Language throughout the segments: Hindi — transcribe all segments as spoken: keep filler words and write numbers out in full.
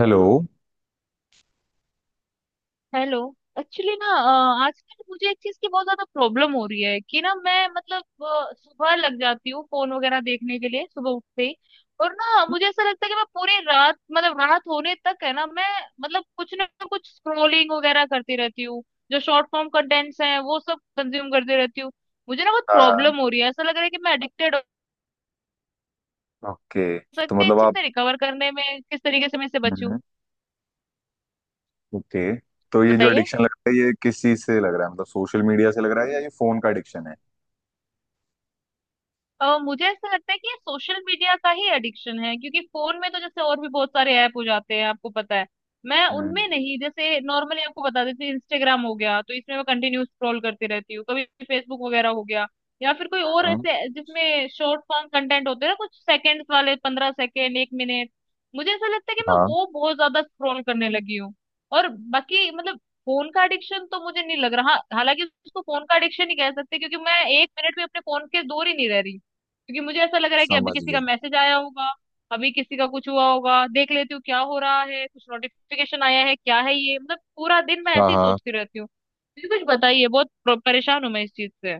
हेलो। हेलो। एक्चुअली ना अ, आजकल मुझे एक चीज की बहुत ज्यादा प्रॉब्लम हो रही है कि ना मैं मतलब अ, सुबह लग जाती हूँ फोन वगैरह देखने के लिए सुबह उठते ही। और ना मुझे ऐसा लगता है कि मैं पूरी रात मतलब रात होने तक है ना मैं मतलब कुछ ना कुछ स्क्रोलिंग वगैरह करती रहती हूँ। जो शॉर्ट फॉर्म कंटेंट्स हैं वो सब कंज्यूम करती रहती हूँ। मुझे ना बहुत प्रॉब्लम हो रही है, ऐसा लग रहा है कि मैं एडिक्टेड हो ओके तो सकती है। इस मतलब चीज आप। से रिकवर करने में किस तरीके से मैं इससे बचूं, हम्म, ओके। तो ये जो बताइए। एडिक्शन लग रहा है ये किस चीज से लग रहा है, मतलब सोशल मीडिया से लग रहा है या ये फोन का एडिक्शन है? अ, मुझे ऐसा लगता है कि ये सोशल मीडिया का ही एडिक्शन है, क्योंकि फोन में तो जैसे और भी बहुत सारे ऐप हो जाते हैं, आपको पता है मैं हम्म उनमें नहीं। जैसे नॉर्मली आपको बता देती हूँ, इंस्टाग्राम हो गया तो इसमें मैं कंटिन्यू स्क्रॉल करती रहती हूँ, कभी फेसबुक वगैरह हो गया या फिर कोई और हम्म। ऐसे जिसमें शॉर्ट फॉर्म कंटेंट होते हैं ना, कुछ सेकंड्स वाले, पंद्रह सेकंड, एक मिनट। मुझे ऐसा लगता है कि मैं हाँ, वो बहुत ज्यादा स्क्रॉल करने लगी हूँ। और बाकी मतलब फोन का एडिक्शन तो मुझे नहीं लग रहा, हाँ, हालांकि उसको फोन का एडिक्शन ही कह सकते हैं, क्योंकि मैं एक मिनट भी अपने फोन के दूर ही नहीं रह रही, क्योंकि मुझे ऐसा लग रहा है कि अभी समझ किसी गया। का मैसेज आया होगा, अभी किसी का कुछ हुआ होगा, देख लेती हूँ क्या हो रहा है, कुछ नोटिफिकेशन आया है, क्या है ये, मतलब पूरा दिन मैं हाँ ऐसे ही हाँ। सोचती रहती हूँ। मुझे कुछ बताइए, बहुत प्र- परेशान हूँ मैं इस चीज से।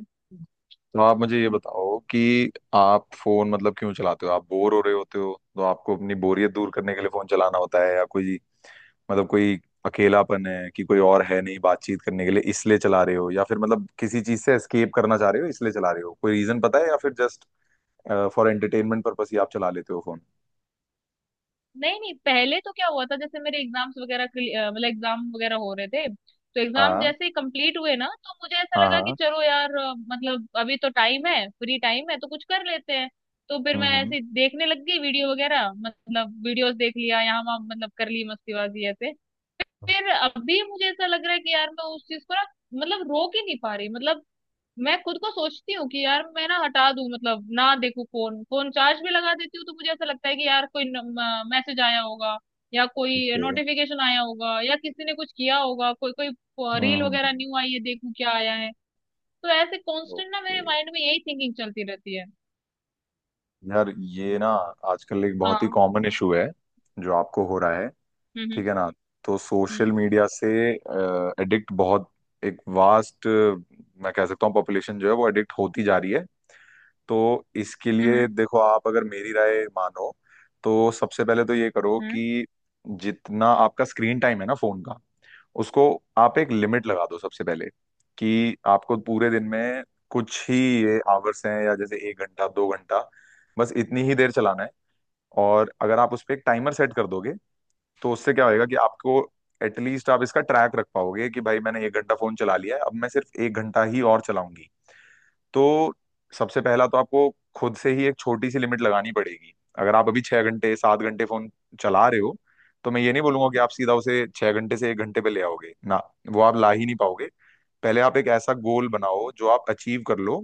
तो आप मुझे ये बताओ कि आप फोन मतलब क्यों चलाते हो। आप बोर हो रहे होते हो तो आपको अपनी बोरियत दूर करने के लिए फोन चलाना होता है, या कोई मतलब कोई अकेलापन है कि कोई और है नहीं बातचीत करने के लिए इसलिए चला रहे हो, या फिर मतलब किसी चीज से एस्केप करना चाह रहे हो इसलिए चला रहे हो, कोई रीजन पता है, या फिर जस्ट फॉर एंटरटेनमेंट पर्पस ही आप चला लेते हो फोन? नहीं नहीं, पहले तो क्या हुआ था, जैसे मेरे एग्जाम्स वगैरह के- अ, मतलब एग्जाम वगैरह हो रहे थे। तो एग्जाम हाँ जैसे ही कंप्लीट हुए ना, तो मुझे ऐसा हाँ, हाँ लगा कि हाँ। चलो यार अ, मतलब अभी तो टाइम है, फ्री टाइम है, तो कुछ कर लेते हैं। तो फिर मैं हम्म, ऐसे देखने लग गई वीडियो वगैरह, मतलब वीडियोस देख लिया यहाँ वहाँ, मतलब कर ली मस्तीबाजी ऐसे। फिर अभी मुझे ऐसा लग रहा है कि यार मैं उस चीज को ना मतलब रोक ही नहीं पा रही। मतलब मैं खुद को सोचती हूँ कि यार मैं ना हटा दूं, मतलब ना देखूं फोन, फोन चार्ज भी लगा देती हूँ तो मुझे ऐसा लगता है कि यार कोई मैसेज आया होगा या ठीक कोई है। नोटिफिकेशन आया होगा या किसी ने कुछ किया होगा, कोई कोई रील हम्म वगैरह हम्म। न्यू आई है, देखूं क्या आया है। तो ऐसे कांस्टेंट ना ओके। मेरे माइंड में यही थिंकिंग चलती रहती है। यार ये ना आजकल एक बहुत ही हाँ। कॉमन इशू है जो आपको हो रहा है। हम्म। ठीक है ना। तो सोशल हम्म। मीडिया से एडिक्ट बहुत, एक वास्ट मैं कह सकता हूँ पॉपुलेशन जो है वो एडिक्ट होती जा रही है। तो इसके हम्म। हम्म। लिए देखो, आप अगर मेरी राय मानो तो सबसे पहले तो ये करो हम्म। कि जितना आपका स्क्रीन टाइम है ना फोन का, उसको आप एक लिमिट लगा दो सबसे पहले, कि आपको पूरे दिन में कुछ ही ये आवर्स हैं, या जैसे एक घंटा दो घंटा बस इतनी ही देर चलाना है। और अगर आप उस पर एक टाइमर सेट कर दोगे तो उससे क्या होएगा कि आपको एटलीस्ट आप इसका ट्रैक रख पाओगे कि भाई मैंने एक घंटा फोन चला लिया है, अब मैं सिर्फ एक घंटा ही और चलाऊंगी। तो सबसे पहला तो आपको खुद से ही एक छोटी सी लिमिट लगानी पड़ेगी। अगर आप अभी छह घंटे सात घंटे फोन चला रहे हो तो मैं ये नहीं बोलूंगा कि आप सीधा उसे छह घंटे से एक घंटे पे ले आओगे ना, वो आप ला ही नहीं पाओगे। पहले आप एक ऐसा गोल बनाओ जो आप अचीव कर लो।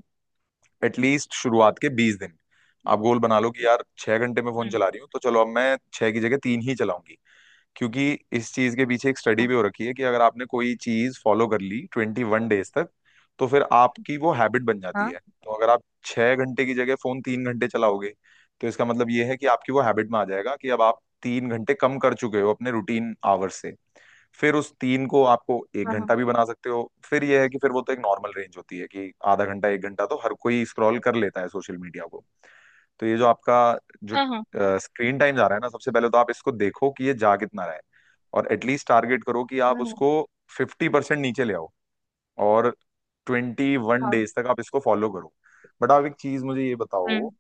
एटलीस्ट शुरुआत के बीस दिन आप गोल बना लो कि यार छह घंटे में फोन हम्म, चला रही हूँ तो चलो अब मैं छह की जगह तीन ही चलाऊंगी। क्योंकि इस चीज के पीछे एक हम्म, स्टडी हाँ, भी हो रखी है कि अगर आपने कोई चीज फॉलो कर ली ट्वेंटी वन डेज तक तो फिर आपकी वो हैबिट बन जाती हाँ, है। तो अगर आप छह घंटे की जगह फोन तीन घंटे चलाओगे तो इसका मतलब ये है कि आपकी वो हैबिट में आ जाएगा कि अब आप तीन घंटे कम कर चुके हो अपने रूटीन आवर्स से। फिर उस तीन को आपको एक घंटा हाँ, भी बना सकते हो। फिर यह है कि फिर वो तो एक नॉर्मल रेंज होती है कि आधा घंटा एक घंटा तो हर कोई स्क्रॉल कर लेता है सोशल मीडिया को। तो ये जो आपका जो हाँ, हाँ, स्क्रीन टाइम जा रहा है ना, सबसे पहले तो आप इसको देखो कि ये जा कितना रहा है। और एटलीस्ट टारगेट करो कि आप हाँ, उसको फिफ्टी परसेंट नीचे ले आओ, और ट्वेंटी वन हाँ, डेज तक आप इसको फॉलो करो। बट आप एक चीज मुझे ये बताओ हम्म,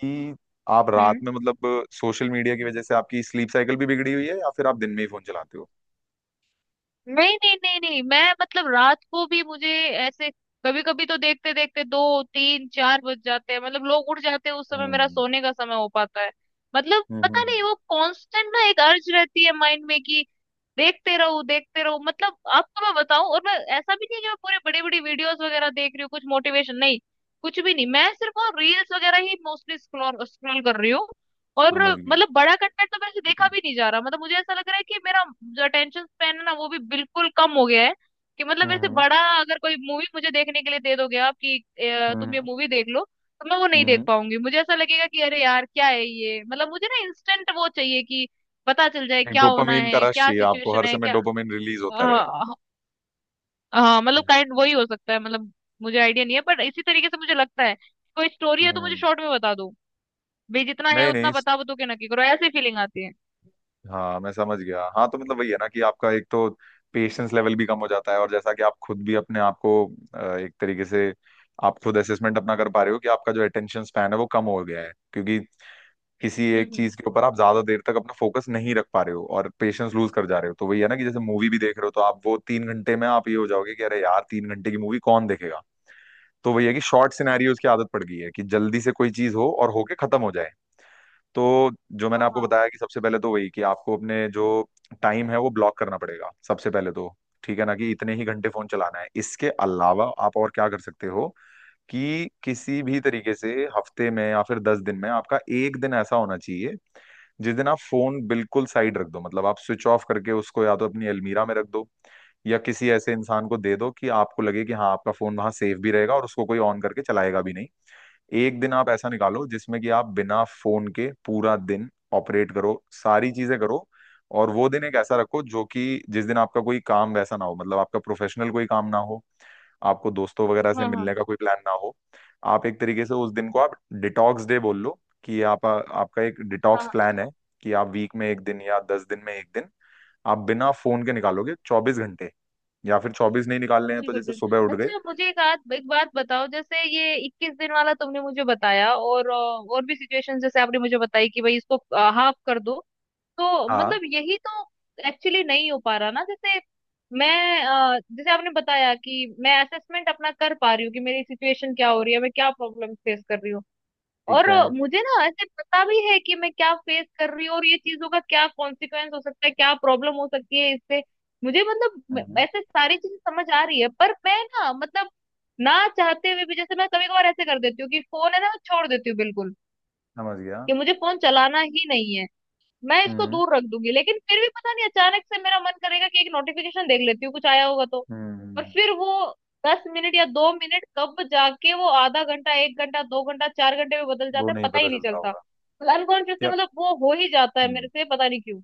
कि आप रात हम्म। में मतलब सोशल मीडिया की वजह से आपकी स्लीप साइकिल भी बिगड़ी हुई है या फिर आप दिन में ही फोन चलाते हो? नहीं नहीं नहीं नहीं, मैं मतलब रात को भी मुझे ऐसे कभी कभी तो देखते देखते दो तीन चार बज जाते हैं, मतलब लोग उठ जाते हैं उस समय मेरा हम्म सोने का समय हो पाता है। मतलब हम्म हम्म पता नहीं हम्म। वो कांस्टेंट ना एक अर्ज रहती है माइंड में कि देखते रहो देखते रहो। मतलब आपको मैं बताऊं, और मैं ऐसा भी नहीं है कि मैं पूरे बड़ी बड़ी वीडियोस वगैरह देख रही हूँ, कुछ मोटिवेशन नहीं कुछ भी नहीं। मैं सिर्फ वो रील्स वगैरह ही मोस्टली स्क्रॉल स्क्रॉल कर रही हूँ। और समझ गया। मतलब बड़ा कंटेंट तो मेरे से देखा हम्म भी नहीं जा रहा, मतलब मुझे ऐसा लग रहा है कि मेरा जो अटेंशन स्पैन है ना, वो भी बिल्कुल कम हो गया है। कि मतलब मेरे से बड़ा अगर कोई मूवी मुझे देखने के लिए दे दोगे आप, कि अ, हम्म तुम हम्म ये मूवी देख लो, तो मैं वो नहीं देख हम्म। पाऊंगी। मुझे ऐसा लगेगा कि अरे यार क्या है ये, मतलब मुझे ना इंस्टेंट वो चाहिए कि पता चल जाए एक क्या होना डोपामीन का है, रश क्या चाहिए आपको, सिचुएशन हर है समय क्या। डोपामीन रिलीज होता रहे। हाँ, हाँ मतलब काइंड वही हो सकता है, मतलब मुझे आइडिया नहीं है, बट इसी तरीके से मुझे लगता है। कोई स्टोरी है तो मुझे हम्म। शॉर्ट में बता दो, भाई जितना है नहीं नहीं। उतना बता दो, के ना कि करो ऐसी फीलिंग आती है। हाँ, मैं समझ गया। हाँ तो मतलब वही है ना कि आपका एक तो पेशेंस लेवल भी कम हो जाता है, और जैसा कि आप खुद भी अपने आप को अ, एक तरीके से आप खुद असेसमेंट अपना कर पा रहे हो कि आपका जो अटेंशन स्पैन है वो कम हो गया है, क्योंकि किसी हम्म, एक हम्म, चीज के ऊपर आप ज्यादा देर तक अपना फोकस नहीं रख पा रहे हो और पेशेंस लूज कर जा रहे हो। तो वही है ना कि जैसे मूवी भी देख रहे हो तो आप वो तीन घंटे में आप ये हो जाओगे कि अरे यार तीन घंटे की मूवी कौन देखेगा। तो वही है कि शॉर्ट सिनेरियोज की आदत पड़ गई है कि जल्दी से कोई चीज हो और होके खत्म हो जाए। तो जो मैंने हाँ, आपको हाँ, बताया कि सबसे पहले तो वही कि आपको अपने जो टाइम है वो ब्लॉक करना पड़ेगा सबसे पहले तो। ठीक है ना, कि इतने ही घंटे फोन चलाना है। इसके अलावा आप और क्या कर सकते हो कि किसी भी तरीके से हफ्ते में या फिर दस दिन में आपका एक दिन ऐसा होना चाहिए जिस दिन आप फोन बिल्कुल साइड रख दो। मतलब आप स्विच ऑफ करके उसको या तो अपनी अलमीरा में रख दो, या किसी ऐसे इंसान को दे दो कि आपको लगे कि हाँ आपका फोन वहां सेफ भी रहेगा और उसको कोई ऑन करके चलाएगा भी नहीं। एक दिन आप ऐसा निकालो जिसमें कि आप बिना फोन के पूरा दिन ऑपरेट करो, सारी चीजें करो। और वो दिन एक ऐसा रखो जो कि जिस दिन आपका कोई काम वैसा ना हो, मतलब आपका प्रोफेशनल कोई काम ना हो, आपको दोस्तों वगैरह से हाँ, हाँ, मिलने का कोई प्लान ना हो। आप एक तरीके से उस दिन को आप डिटॉक्स डे बोल लो, कि आप आपका एक हाँ, डिटॉक्स हाँ प्लान है कि आप वीक में एक दिन या दस दिन में एक दिन आप बिना फोन के निकालोगे चौबीस घंटे। या फिर चौबीस नहीं निकालने हैं तो बिल्कुल जैसे सुबह बिल्कुल। उठ गए। अच्छा मुझे एक आद, एक बात बताओ, जैसे ये इक्कीस दिन वाला तुमने मुझे बताया और अ, और भी सिचुएशन जैसे आपने मुझे बताई कि भाई इसको हाफ कर दो, तो हाँ, मतलब यही तो एक्चुअली नहीं हो पा रहा ना। जैसे मैं अ, जैसे आपने बताया कि मैं असेसमेंट अपना कर पा रही हूँ कि मेरी सिचुएशन क्या हो रही है, मैं क्या प्रॉब्लम फेस कर रही हूँ। ठीक और है। मुझे ना ऐसे पता भी है कि मैं क्या फेस कर रही हूँ और ये चीजों का क्या कॉन्सिक्वेंस हो सकता है, क्या प्रॉब्लम हो सकती है इससे। मुझे मतलब म- हम्म, ऐसे सारी चीजें समझ आ रही है, पर मैं ना मतलब ना चाहते हुए भी जैसे मैं कभी कभार ऐसे कर देती हूँ कि फोन है ना, मैं छोड़ देती हूँ बिल्कुल समझ गया। कि मुझे फोन चलाना ही नहीं है, मैं इसको हम्म दूर रख दूंगी। लेकिन फिर भी पता नहीं अचानक से मेरा मन करेगा कि एक नोटिफिकेशन देख लेती हूँ, कुछ आया होगा। तो और हम्म। फिर वो दस मिनट या दो मिनट कब जाके वो आधा घंटा, एक घंटा, दो घंटा, चार घंटे में बदल वो जाता है नहीं पता ही पता नहीं चलता चलता, होगा मतलब अनकॉन्शियसली, यार। मतलब वो हो ही जाता है हम्म। मेरे से पता नहीं क्यों।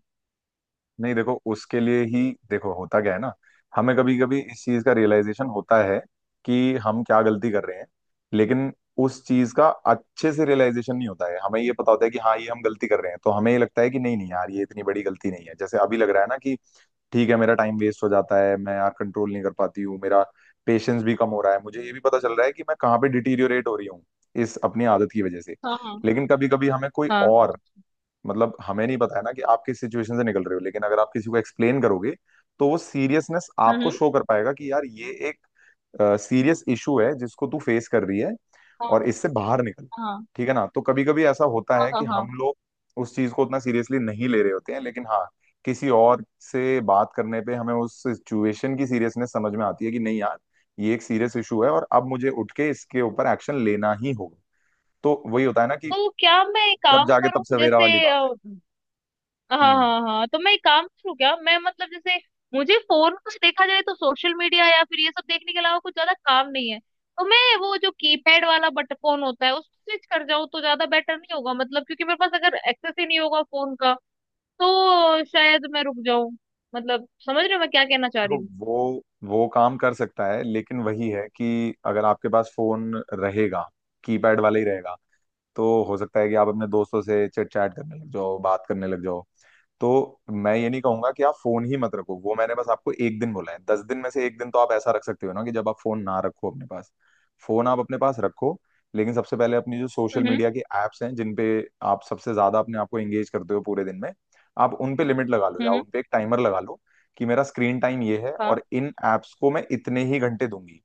नहीं देखो, उसके लिए ही देखो होता क्या है ना, हमें कभी कभी इस चीज का रियलाइजेशन होता है कि हम क्या गलती कर रहे हैं, लेकिन उस चीज का अच्छे से रियलाइजेशन नहीं होता है। हमें ये पता होता है कि हाँ ये हम गलती कर रहे हैं तो हमें ये लगता है कि नहीं नहीं यार ये इतनी बड़ी गलती नहीं है। जैसे अभी लग रहा है ना कि ठीक है मेरा टाइम वेस्ट हो जाता है, मैं यार कंट्रोल नहीं कर पाती हूँ, मेरा पेशेंस भी कम हो रहा है, मुझे ये भी पता चल रहा है कि मैं कहाँ पे डिटीरियोरेट हो रही हूँ इस अपनी आदत की वजह से। हाँ, लेकिन कभी कभी हमें कोई हाँ, और मतलब हमें नहीं पता है ना कि आप किस सिचुएशन से निकल रहे हो, लेकिन अगर आप किसी को एक्सप्लेन करोगे तो वो सीरियसनेस आपको हम्म, शो कर पाएगा कि यार ये एक सीरियस इशू है जिसको तू फेस कर रही है, और हाँ, इससे बाहर निकल। हाँ, ठीक है ना। तो कभी कभी ऐसा होता हाँ, है हाँ, कि हम हाँ। लोग उस चीज को उतना सीरियसली नहीं ले रहे होते हैं, लेकिन हाँ किसी और से बात करने पे हमें उस सिचुएशन की सीरियसनेस समझ में आती है कि नहीं यार ये एक सीरियस इशू है और अब मुझे उठ के इसके ऊपर एक्शन लेना ही होगा। तो वही होता है ना कि तो क्या मैं एक जब काम जागे तब करूं सवेरा जैसे? वाली बात है। हाँ, हम्म। हाँ, हाँ, तो मैं एक काम करूँ क्या, मैं मतलब जैसे मुझे फोन में कुछ देखा जाए तो सोशल मीडिया या फिर ये सब देखने के अलावा कुछ ज्यादा काम नहीं है, तो मैं वो जो कीपैड वाला बट फोन होता है उसको स्विच कर जाऊँ तो ज्यादा बेटर नहीं होगा, मतलब क्योंकि मेरे पास अगर एक्सेस ही नहीं होगा फोन का, तो शायद मैं रुक जाऊं। मतलब समझ रहे हो मैं क्या कहना चाह रही देखो, हूँ। वो वो काम कर सकता है लेकिन वही है कि अगर आपके पास फोन रहेगा कीपैड वाला ही रहेगा तो हो सकता है कि आप अपने दोस्तों से चिट चैट करने लग जाओ, बात करने लग जाओ। तो मैं ये नहीं कहूंगा कि आप फोन ही मत रखो, वो मैंने बस आपको एक दिन बोला है, दस दिन में से एक दिन तो आप ऐसा रख सकते हो ना कि जब आप फोन ना रखो अपने पास। फोन आप अपने पास रखो, लेकिन सबसे पहले अपनी जो सोशल हम्म, मीडिया के एप्स हैं जिन पे आप सबसे ज्यादा अपने आप को एंगेज करते हो पूरे दिन में, आप उन पे लिमिट लगा लो या हम्म, उन पे एक टाइमर लगा लो कि मेरा स्क्रीन टाइम ये है हाँ, और इन एप्स को मैं इतने ही घंटे दूंगी।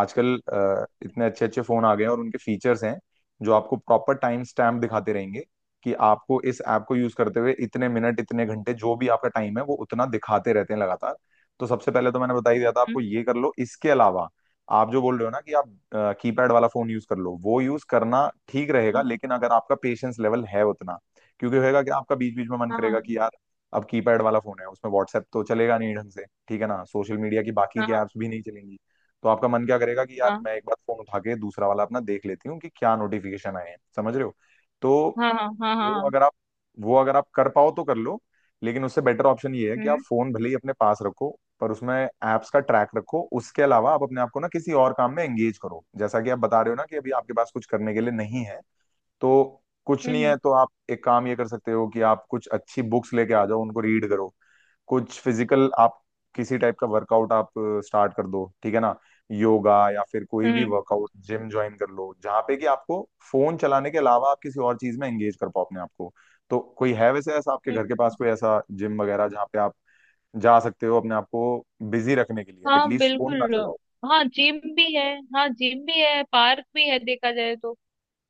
आजकल अ, इतने अच्छे अच्छे फोन आ गए हैं और उनके फीचर्स हैं जो आपको प्रॉपर टाइम स्टैम्प दिखाते रहेंगे कि आपको इस ऐप को यूज करते हुए इतने मिनट इतने घंटे जो भी आपका टाइम है वो उतना दिखाते रहते हैं लगातार। तो सबसे पहले तो मैंने बता ही दिया था हम्म, आपको, ये कर लो। इसके अलावा आप जो बोल रहे हो ना कि आप कीपैड वाला फोन यूज कर लो, वो यूज करना ठीक रहेगा लेकिन अगर आपका पेशेंस लेवल है उतना। क्योंकि होएगा कि आपका बीच बीच में मन हाँ, करेगा हाँ, कि यार अब कीपैड वाला फोन है उसमें व्हाट्सएप तो चलेगा नहीं ढंग से, ठीक है ना, सोशल मीडिया की बाकी हाँ, के हाँ, ऐप्स भी नहीं चलेंगी। तो आपका मन क्या करेगा कि यार मैं एक बार फोन उठा के दूसरा वाला अपना देख लेती हूँ कि क्या नोटिफिकेशन आए हैं, समझ रहे हो। तो हाँ, हाँ, हाँ, हाँ, वो हाँ, अगर आप वो अगर आप कर पाओ तो कर लो। लेकिन उससे बेटर ऑप्शन ये है कि आप हम्म, फोन भले ही अपने पास रखो पर उसमें एप्स का ट्रैक रखो। उसके अलावा आप अपने आप को ना किसी और काम में एंगेज करो, जैसा कि आप बता रहे हो ना कि अभी आपके पास कुछ करने के लिए नहीं है। तो कुछ नहीं हम्म, है तो आप एक काम ये कर सकते हो कि आप कुछ अच्छी बुक्स लेके आ जाओ, उनको रीड करो। कुछ फिजिकल आप किसी टाइप का वर्कआउट आप स्टार्ट कर दो। ठीक है ना। योगा या फिर कोई भी हम्म, वर्कआउट जिम ज्वाइन कर लो जहाँ पे कि आपको फोन चलाने के अलावा आप किसी और चीज में एंगेज कर पाओ अपने आप को। तो कोई है वैसे ऐसा आपके हम्म, घर के पास हम्म, कोई ऐसा जिम वगैरह जहाँ पे आप जा सकते हो, अपने आप को बिजी रखने के लिए हाँ एटलीस्ट फोन ना बिल्कुल। चलाओ। हाँ जिम भी है, हाँ जिम भी है, पार्क भी है देखा जाए तो।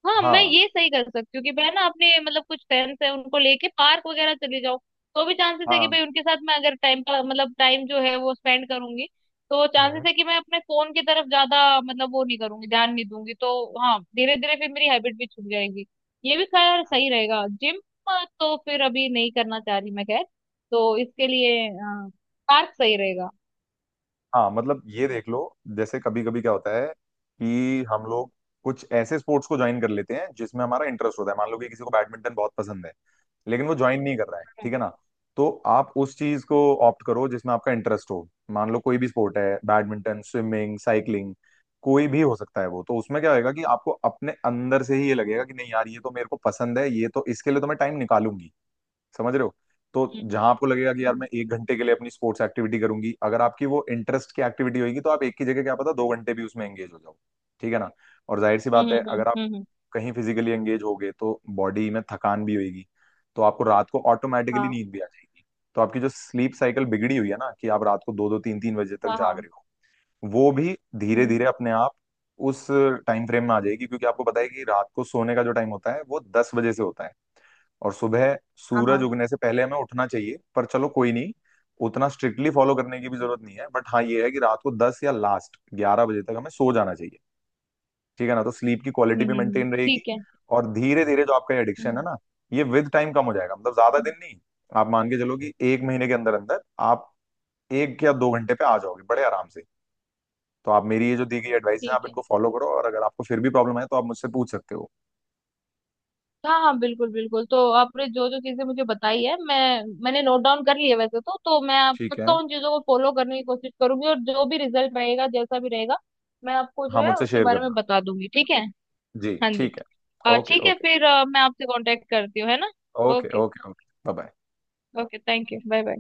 हाँ मैं हाँ ये सही कर सकती हूँ कि मैं ना अपने मतलब कुछ फ्रेंड्स है उनको लेके पार्क वगैरह चली जाऊँ, तो भी चांसेस है कि हाँ। भाई उनके साथ मैं अगर टाइम का, मतलब टाइम जो है वो स्पेंड करूंगी, तो चांसेस हम्म। है कि मैं अपने फोन की तरफ ज्यादा मतलब वो नहीं करूंगी, ध्यान नहीं दूंगी। तो हाँ धीरे धीरे फिर मेरी हैबिट भी छूट जाएगी। ये भी खैर सही रहेगा जिम, तो फिर अभी नहीं करना चाह रही मैं खैर, तो इसके लिए हाँ, पार्क सही रहेगा। हाँ मतलब ये देख लो, जैसे कभी कभी क्या होता है कि हम लोग कुछ ऐसे स्पोर्ट्स को ज्वाइन कर लेते हैं जिसमें हमारा इंटरेस्ट होता है। मान लो कि किसी को बैडमिंटन बहुत पसंद है लेकिन वो ज्वाइन नहीं कर रहा है। हम्म, ठीक है ना। तो आप उस चीज को ऑप्ट करो जिसमें आपका इंटरेस्ट हो। मान लो कोई भी स्पोर्ट है, बैडमिंटन स्विमिंग साइकिलिंग, कोई भी हो सकता है। वो तो उसमें क्या होएगा कि आपको अपने अंदर से ही ये लगेगा कि नहीं यार ये तो मेरे को पसंद है, ये तो इसके लिए तो मैं टाइम निकालूंगी। समझ रहे हो। तो हम्म, जहां आपको लगेगा कि यार हम्म, मैं एक घंटे के लिए अपनी स्पोर्ट्स एक्टिविटी करूंगी, अगर आपकी वो इंटरेस्ट की एक्टिविटी होगी तो आप एक की जगह क्या पता दो घंटे भी उसमें एंगेज हो जाओ। ठीक है ना। और जाहिर सी हम्म, बात है हम्म, हम्म, अगर आप हम्म, हम्म, कहीं फिजिकली एंगेज हो गए तो बॉडी में थकान भी होगी, तो आपको रात को ऑटोमेटिकली हाँ, नींद भी आ जाएगी। तो आपकी जो स्लीप साइकिल बिगड़ी हुई है ना कि आप रात को दो दो तीन तीन बजे तक हाँ, जाग हाँ, रहे हो, वो भी धीरे हम्म, धीरे अपने आप उस टाइम फ्रेम में आ जाएगी, क्योंकि आपको पता है कि रात को सोने का जो टाइम होता है वो दस बजे से होता है, और सुबह हाँ, सूरज हाँ, उगने से पहले हमें उठना चाहिए। पर चलो कोई नहीं, उतना स्ट्रिक्टली फॉलो करने की भी जरूरत नहीं है, बट हाँ ये है कि रात को दस या लास्ट ग्यारह बजे तक हमें सो जाना चाहिए। ठीक है ना। तो स्लीप की क्वालिटी हम्म, भी हम्म, हम्म, मेंटेन रहेगी। ठीक है। और धीरे धीरे जो आपका एडिक्शन है हम्म, ना, ये विद टाइम कम हो जाएगा, मतलब ज्यादा हम्म, दिन नहीं। आप मान के चलो कि एक महीने के अंदर अंदर आप एक या दो घंटे पे आ जाओगे बड़े आराम से। तो आप मेरी ये जो दी गई एडवाइस है आप ठीक है। इनको फॉलो करो, और अगर आपको फिर भी प्रॉब्लम है तो आप मुझसे पूछ सकते हो। हाँ हाँ बिल्कुल बिल्कुल, तो आपने जो जो चीजें मुझे बताई है, मैं मैंने नोट डाउन कर लिया वैसे तो। तो मैं आप ठीक पक्का है। उन चीजों को फॉलो करने की कोशिश करूंगी, और जो भी रिजल्ट रहेगा जैसा भी रहेगा मैं आपको हाँ, जो है मुझसे उसके शेयर बारे में करना। बता दूंगी, ठीक है। जी हाँ जी। ठीक है। अ, ओके ठीक है ओके। फिर अ, मैं आपसे कांटेक्ट करती हूँ, है ना। Okay okay, okay okay. Bye bye. Okay, thank you, bye bye.